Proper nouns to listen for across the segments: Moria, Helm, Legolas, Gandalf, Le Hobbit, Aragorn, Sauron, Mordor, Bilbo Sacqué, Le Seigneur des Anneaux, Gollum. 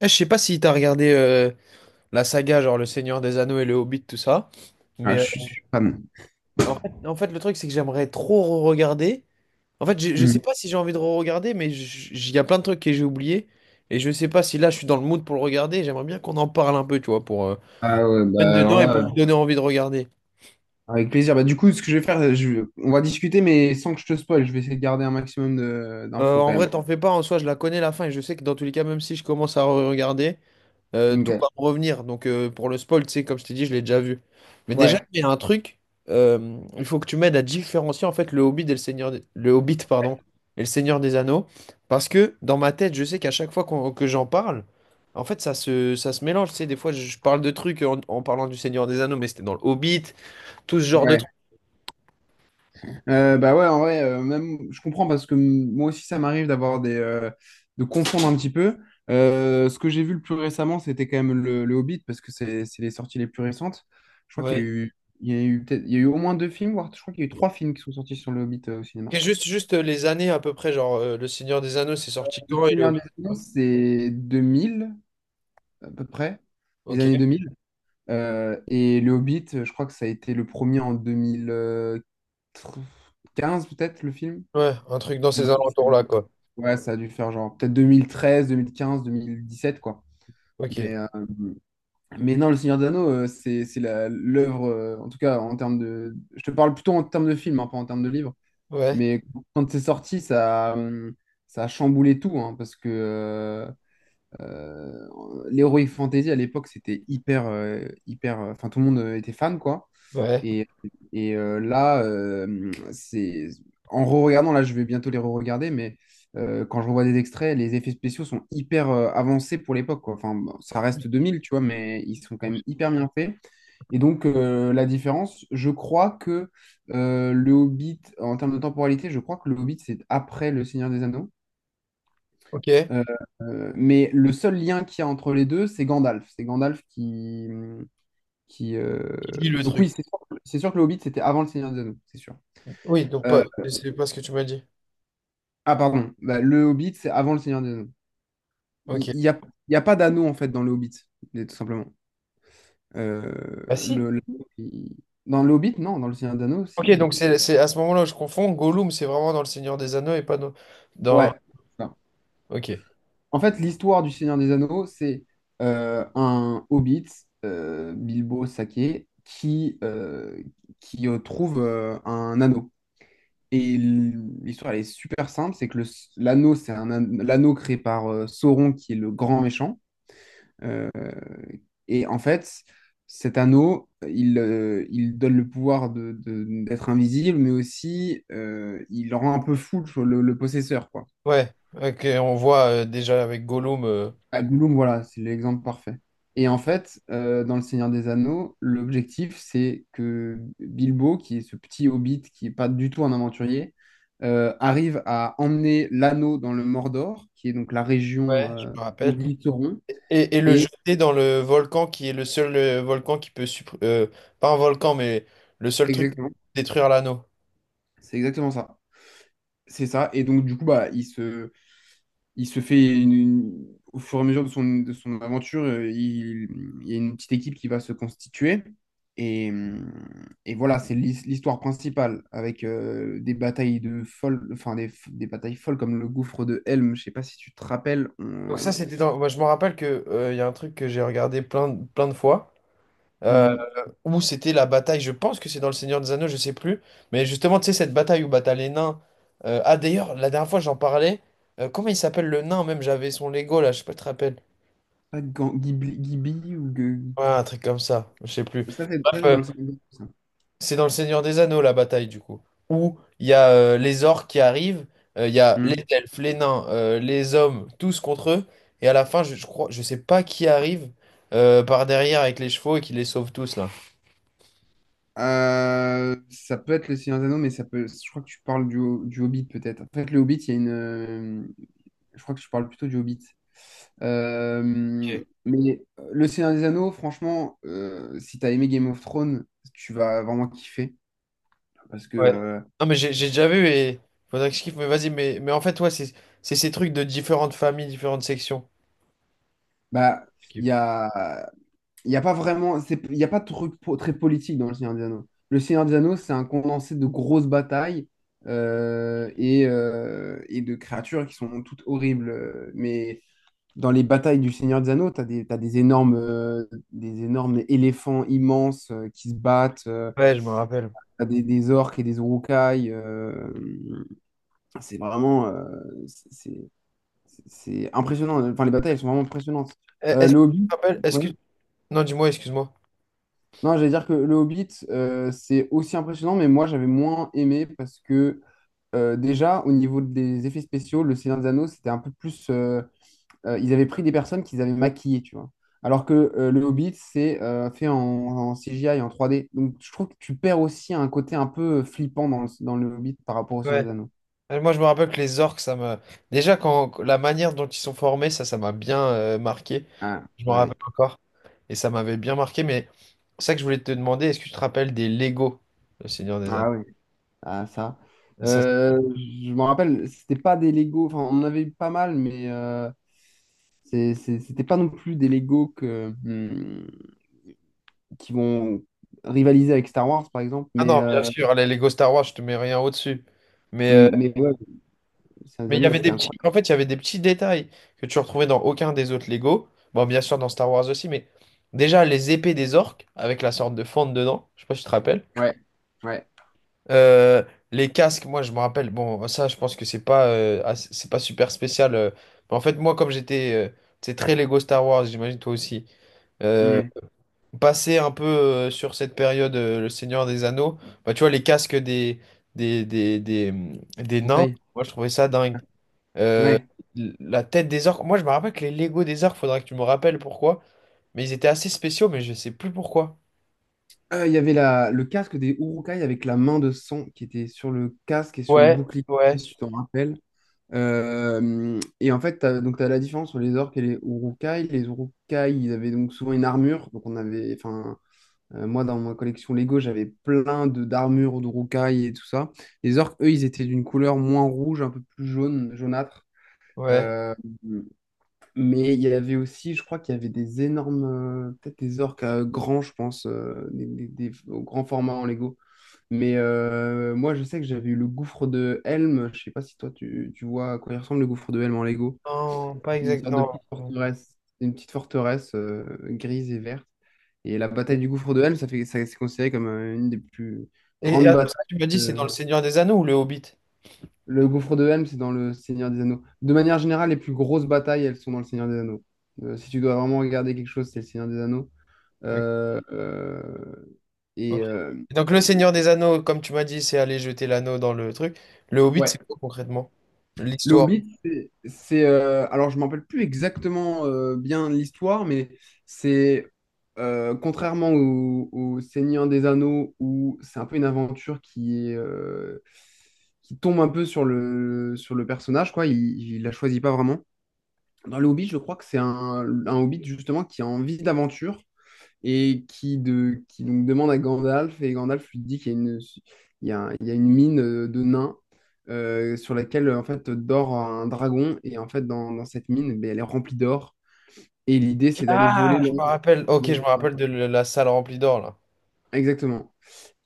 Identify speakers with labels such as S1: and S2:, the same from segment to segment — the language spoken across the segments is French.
S1: Eh, je sais pas si t'as regardé la saga, genre Le Seigneur des Anneaux et Le Hobbit, tout ça.
S2: Ah,
S1: Mais
S2: je
S1: euh,
S2: suis je suis fan.
S1: en fait, en fait, le truc, c'est que j'aimerais trop regarder. En fait, je sais
S2: Mhm.
S1: pas si j'ai envie de regarder, mais il y a plein de trucs que j'ai oubliés. Et je sais pas si là, je suis dans le mood pour le regarder. J'aimerais bien qu'on en parle un peu, tu vois, pour
S2: Ah ouais,
S1: être
S2: bah alors
S1: dedans et
S2: là,
S1: pour vous donner envie de regarder.
S2: Avec plaisir. Bah, du coup, ce que je vais faire, on va discuter, mais sans que je te spoil, je vais essayer de garder un maximum d'infos
S1: En
S2: quand même.
S1: vrai, t'en fais pas, en soi, je la connais la fin. Et je sais que dans tous les cas, même si je commence à regarder, tout
S2: Ok.
S1: va me revenir. Donc pour le spoil, tu sais, comme je t'ai dit, je l'ai déjà vu. Mais déjà,
S2: Ouais,
S1: il y a un truc, il faut que tu m'aides à différencier en fait le Hobbit et le Seigneur, le Hobbit, pardon, et le Seigneur des Anneaux, parce que dans ma tête, je sais qu'à chaque fois que j'en parle, en fait, ça se mélange. Tu sais, des fois, je parle de trucs en parlant du Seigneur des Anneaux, mais c'était dans le Hobbit, tout ce genre de
S2: ouais.
S1: trucs.
S2: Bah ouais, en vrai, même, je comprends parce que moi aussi, ça m'arrive d'avoir de confondre un petit peu. Ce que j'ai vu le plus récemment, c'était quand même le Hobbit parce que c'est les sorties les plus récentes. Je crois qu'il y a
S1: Ouais.
S2: eu, il y a eu peut-être, Il y a eu au moins deux films, voire je crois qu'il y a eu trois films qui sont sortis sur le Hobbit, au
S1: Et
S2: cinéma.
S1: juste les années à peu près, genre le Seigneur des Anneaux, c'est sorti
S2: Le
S1: quand et le
S2: Seigneur des
S1: Hobbit?
S2: Anneaux, c'est 2000, à peu près, les
S1: Ok,
S2: années 2000. Et Le Hobbit, je crois que ça a été le premier en 2015 peut-être, le film.
S1: ouais, un truc dans
S2: Un
S1: ces
S2: truc, c'est-
S1: alentours-là, quoi.
S2: Ouais, ça a dû faire genre peut-être deux mille treize, quinze, 2017, quoi.
S1: Ok,
S2: Mais, euh, mais non, Le Seigneur des Anneaux, c'est l'œuvre, en tout cas, en termes de. Je te parle plutôt en termes de film, hein, pas en termes de livre.
S1: ouais,
S2: Mais quand c'est sorti, ça a chamboulé tout, hein, parce que. Euh, L'Heroic Fantasy à l'époque, c'était hyper. Enfin, tout le monde, était fan, quoi.
S1: ouais.
S2: Et, et là, c'est. En re-regardant, là, je vais bientôt les re-regarder, mais, quand je revois des extraits, les effets spéciaux sont hyper, avancés pour l'époque, quoi. Enfin, bon, ça reste 2000, tu vois, mais ils sont quand même hyper bien faits. Et donc, la différence, je crois que le Hobbit, en termes de temporalité, je crois que le Hobbit, c'est après Le Seigneur des Anneaux.
S1: Ok.
S2: Euh, mais le seul lien qu'il y a entre les deux, c'est Gandalf. C'est Gandalf qui.
S1: Qui lit le
S2: Donc
S1: truc.
S2: oui, c'est sûr que le Hobbit, c'était avant le Seigneur des Anneaux, c'est sûr.
S1: Oui, donc
S2: Euh,
S1: pas, c'est pas ce que tu m'as dit.
S2: Ah pardon, bah, le Hobbit, c'est avant le Seigneur des Anneaux. Il
S1: Ok.
S2: n'y a, il y a pas d'anneau, en fait, dans le Hobbit, tout simplement. Euh,
S1: Bah si.
S2: le, le- il- Dans le Hobbit, non, dans le Seigneur des Anneaux aussi,
S1: Ok, donc
S2: mais...
S1: c'est à ce moment-là où je confonds. Gollum, c'est vraiment dans Le Seigneur des Anneaux et pas dans... dans...
S2: Ouais.
S1: Ok.
S2: En fait, l'histoire du Seigneur des Anneaux, c'est, un hobbit, Bilbo Sacqué, qui trouve, un anneau. Et l'histoire, elle est super simple, c'est que l'anneau, c'est l'anneau créé par, Sauron, qui est le grand méchant. Euh, et en fait, cet anneau, il donne le pouvoir d'être invisible, mais aussi, il rend un peu fou le possesseur, quoi.
S1: Ouais. Ok, on voit déjà avec Gollum.
S2: Ah, Gollum, voilà, c'est l'exemple parfait. Et en fait, dans Le Seigneur des Anneaux, l'objectif, c'est que Bilbo, qui est ce petit hobbit qui n'est pas du tout un aventurier, arrive à emmener l'anneau dans le Mordor, qui est donc la région,
S1: Ouais, je me
S2: où
S1: rappelle.
S2: vit Sauron.
S1: Et le
S2: Et
S1: jeter dans le volcan qui est le seul volcan qui peut... pas un volcan, mais le seul truc qui peut
S2: exactement,
S1: détruire l'anneau.
S2: c'est exactement ça. C'est ça. Et donc, du coup, bah, il se fait au fur et à mesure de son aventure, il y a une petite équipe qui va se constituer. Et, euh, et voilà, c'est l'histoire principale avec, des batailles de folles, enfin des batailles folles comme le gouffre de Helm. Je sais pas si tu te rappelles,
S1: Donc ça, c'était dans... Moi, je me rappelle que il y a un truc que j'ai regardé plein de fois.
S2: on-
S1: Où c'était la bataille, je pense que c'est dans Le Seigneur des Anneaux, je sais plus, mais justement, tu sais, cette bataille où bah, t'as les nains. Ah, d'ailleurs, la dernière fois, j'en parlais. Comment il s'appelle le nain, même? J'avais son Lego, là, je sais pas, si tu te rappelles?
S2: pas Ghibli ou
S1: Ouais, un truc comme ça, je sais plus.
S2: ça, c'est ça, c'est
S1: Euh,
S2: dans le Seigneur des Anneaux, ça.
S1: c'est dans Le Seigneur des Anneaux, la bataille, du coup, où il y a les orques qui arrivent, il y a les
S2: Hmm.
S1: elfes, les nains, les hommes, tous contre eux, et à la fin, je crois, je sais pas qui arrive par derrière avec les chevaux et qui les sauve tous, là.
S2: Ça peut être le Seigneur des Anneaux, mais ça peut. Je crois que tu parles du Hobbit peut-être. En fait, le Hobbit, il y a une, je crois que je parle plutôt du Hobbit. Euh, Le Seigneur des Anneaux, franchement, si t'as aimé Game of Thrones, tu vas vraiment kiffer. Parce que,
S1: Ouais. Non, mais j'ai déjà vu et faudrait que je kiffe, mais vas-y, mais en fait, ouais, c'est ces trucs de différentes familles, différentes sections.
S2: bah, il y a, il y a pas vraiment, il y a pas de truc très politique dans Le Seigneur des Anneaux. Le Seigneur des Anneaux, c'est un condensé de grosses batailles, et de créatures qui sont toutes horribles. Mais dans les batailles du Seigneur des Anneaux, t'as des énormes éléphants immenses, qui se battent,
S1: Ouais, je me rappelle.
S2: des orques et des uruk-hai. C'est vraiment euh, c'est c'est- c'est impressionnant. Enfin, les batailles, elles sont vraiment impressionnantes.
S1: Eh, est-ce
S2: Le
S1: que tu
S2: Hobbit,
S1: te rappelles, est-ce
S2: ouais.
S1: que... Non, dis-moi, excuse-moi.
S2: Non, j'allais dire que le Hobbit, c'est aussi impressionnant, mais moi, j'avais moins aimé parce que, déjà, au niveau des effets spéciaux, le Seigneur des Anneaux, c'était un peu plus. Ils avaient pris des personnes qu'ils avaient maquillées, tu vois. Alors que, le Hobbit, c'est, fait en CGI, en 3D. Donc je trouve que tu perds aussi un côté un peu flippant dans le Hobbit par rapport au Seigneur
S1: Ouais.
S2: des Anneaux.
S1: Eh, moi, je me rappelle que les orques, ça m'a... Déjà, quand la manière dont ils sont formés, ça m'a bien marqué.
S2: Ah, ah
S1: Je me
S2: oui.
S1: rappelle encore. Et ça m'avait bien marqué, mais c'est ça que je voulais te demander, est-ce que tu te rappelles des Lego, le Seigneur des Anneaux?
S2: Ah oui. Ah, ça.
S1: Ça, c'est-
S2: Je me rappelle, c'était pas des Lego. Enfin, on en avait eu pas mal, mais, c'était pas non plus des Lego qui vont rivaliser avec Star Wars, par exemple.
S1: Ah
S2: Mais,
S1: non, bien
S2: euh,
S1: sûr, les Lego Star Wars, je te mets rien au-dessus. Mais
S2: mais ouais, Seigneur des
S1: mais il y
S2: Anneaux,
S1: avait
S2: c'était
S1: des petits,
S2: incroyable.
S1: en fait, il y avait des petits détails que tu retrouvais dans aucun des autres Lego. Bon, bien sûr, dans Star Wars aussi, mais déjà, les épées des orques, avec la sorte de fente dedans, je sais pas si tu te rappelles.
S2: Ouais, ouais.
S1: Euh, les casques, moi, je me rappelle, bon, ça, je pense que c'est pas, assez- c'est pas super spécial. Mais en fait, moi, comme j'étais, c'est très Lego Star Wars, j'imagine toi aussi. Euh,
S2: Ouais.
S1: passer un peu sur cette période, le Seigneur des Anneaux, bah, tu vois, les casques des, des, des, des nains,
S2: Ok.
S1: moi, je trouvais ça dingue. Euh,
S2: Ouais.
S1: la tête des orques. Moi, je me rappelle que les Lego des orques, faudrait que tu me rappelles pourquoi. Mais ils étaient assez spéciaux, mais je sais plus pourquoi.
S2: Il y avait le casque des Urukai avec la main de sang qui était sur le casque et sur le
S1: Ouais,
S2: bouclier, je sais pas
S1: ouais,
S2: si tu t'en rappelles. Et en fait, donc tu as la différence entre les orques et les Urukai. Les Urukai, ils avaient donc souvent une armure. Donc on avait, enfin, moi dans ma collection Lego, j'avais plein de d'armures d'Urukai et tout ça. Les orques, eux, ils étaient d'une couleur moins rouge, un peu plus jaune, jaunâtre.
S1: ouais.
S2: Euh, mais il y avait aussi, je crois qu'il y avait des énormes, peut-être des orques, grands, je pense, des au grand format en Lego. Mais, moi, je sais que j'avais eu le gouffre de Helm. Je sais pas si toi, tu vois à quoi il ressemble le gouffre de Helm en Lego.
S1: Non, pas
S2: C'est une sorte de
S1: exactement.
S2: petite forteresse, C'est une petite forteresse, grise et verte. Et la bataille du gouffre de Helm, ça, c'est considéré comme, une des plus
S1: Et
S2: grandes
S1: attends, ce que
S2: batailles.
S1: tu m'as dit, c'est dans Le
S2: euh,
S1: Seigneur des Anneaux ou Le Hobbit?
S2: le gouffre de Helm, c'est dans le Seigneur des Anneaux. De manière générale, les plus grosses batailles, elles sont dans le Seigneur des Anneaux. Si tu dois vraiment regarder quelque chose, c'est le Seigneur des Anneaux.
S1: Ok.
S2: Euh, euh, et
S1: Ok.
S2: euh,
S1: Et donc, Le Seigneur des Anneaux, comme tu m'as dit, c'est aller jeter l'anneau dans le truc. Le Hobbit, c'est
S2: ouais,
S1: quoi concrètement?
S2: le
S1: L'histoire.
S2: Hobbit, alors, je ne me rappelle plus exactement, bien l'histoire, mais c'est. Contrairement au Seigneur des Anneaux, où c'est un peu une aventure qui tombe un peu sur le personnage, quoi. Il ne la choisit pas vraiment. Dans le Hobbit, je crois que c'est un Hobbit justement qui a envie d'aventure et qui donc demande à Gandalf, et Gandalf lui dit qu'il y a une, il y a une mine, de nains, sur laquelle, en fait dort un dragon, et en fait dans cette mine, ben, elle est remplie d'or, et l'idée, c'est d'aller voler
S1: Ah, je me
S2: l'or.
S1: rappelle. Ok, je me
S2: L'or. Voilà.
S1: rappelle de la salle remplie d'or, là.
S2: Exactement.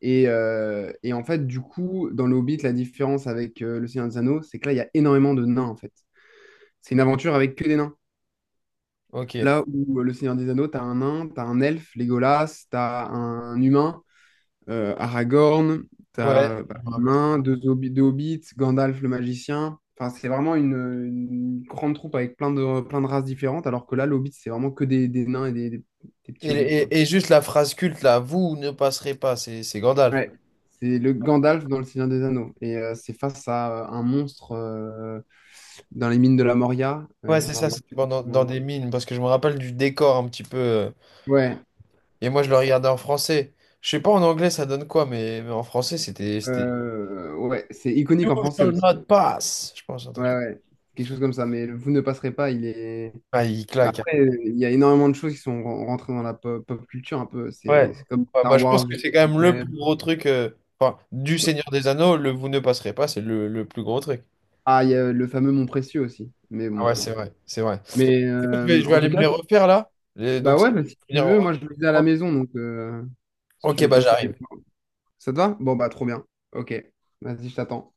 S2: Et en fait, du coup, dans le Hobbit, la différence avec, le Seigneur des Anneaux, c'est que là, il y a énormément de nains en fait. C'est une aventure avec que des nains.
S1: Ok.
S2: Là où, Le Seigneur des Anneaux, t'as un nain, t'as un elfe, Legolas, t'as un humain, Aragorn,
S1: Ouais,
S2: t'as
S1: je
S2: bah,
S1: me
S2: un
S1: rappelle.
S2: nain, deux hobbits, Gandalf le magicien. Enfin, c'est vraiment une grande troupe avec plein de races différentes, alors que là, le c'est vraiment que des nains et des
S1: Et
S2: petits hobbits, quoi.
S1: et juste la phrase culte, là, vous ne passerez pas, c'est Gandalf.
S2: Ouais. C'est le Gandalf dans Le Seigneur des Anneaux. Et, c'est face à, un monstre, dans les mines de la Moria.
S1: Ouais,
S2: Je
S1: c'est
S2: me
S1: ça,
S2: rappelle
S1: c'était
S2: plus
S1: pendant dans
S2: comment-
S1: des mines, parce que je me rappelle du décor un petit peu.
S2: Ouais.
S1: Et moi, je le regardais en français. Je sais pas en anglais, ça donne quoi, mais en français, c'était. C'était.
S2: Ouais, c'est
S1: You
S2: iconique en français
S1: shall
S2: aussi.
S1: not pass, je pense, un truc
S2: Ouais,
S1: comme
S2: ouais, quelque chose comme ça. Mais le Vous ne passerez pas, il est.
S1: ça. Ah, il
S2: Bah,
S1: claque, hein.
S2: après, il y a énormément de choses qui sont rentrées dans la pop culture un peu. C'est
S1: Ouais.
S2: c'est comme
S1: Ouais, bah,
S2: Star
S1: je pense
S2: Wars,
S1: que
S2: juste.
S1: c'est quand même le
S2: Ouais.
S1: plus gros truc. Enfin, du Seigneur des Anneaux, le vous ne passerez pas, c'est le plus gros truc.
S2: Ah, il y a le fameux Mon Précieux aussi. Mais
S1: Ah
S2: bon.
S1: ouais, c'est vrai, c'est vrai.
S2: Mais,
S1: Je vais
S2: en tout
S1: aller me les
S2: cas,
S1: refaire là. Et
S2: bah
S1: donc, c'est-
S2: ouais, bah, si tu veux, moi je le faisais à la maison, donc, si tu
S1: Ok,
S2: veux
S1: bah
S2: passer.
S1: j'arrive.
S2: Ça te va? Bon, bah trop bien. Ok, vas-y, je t'attends.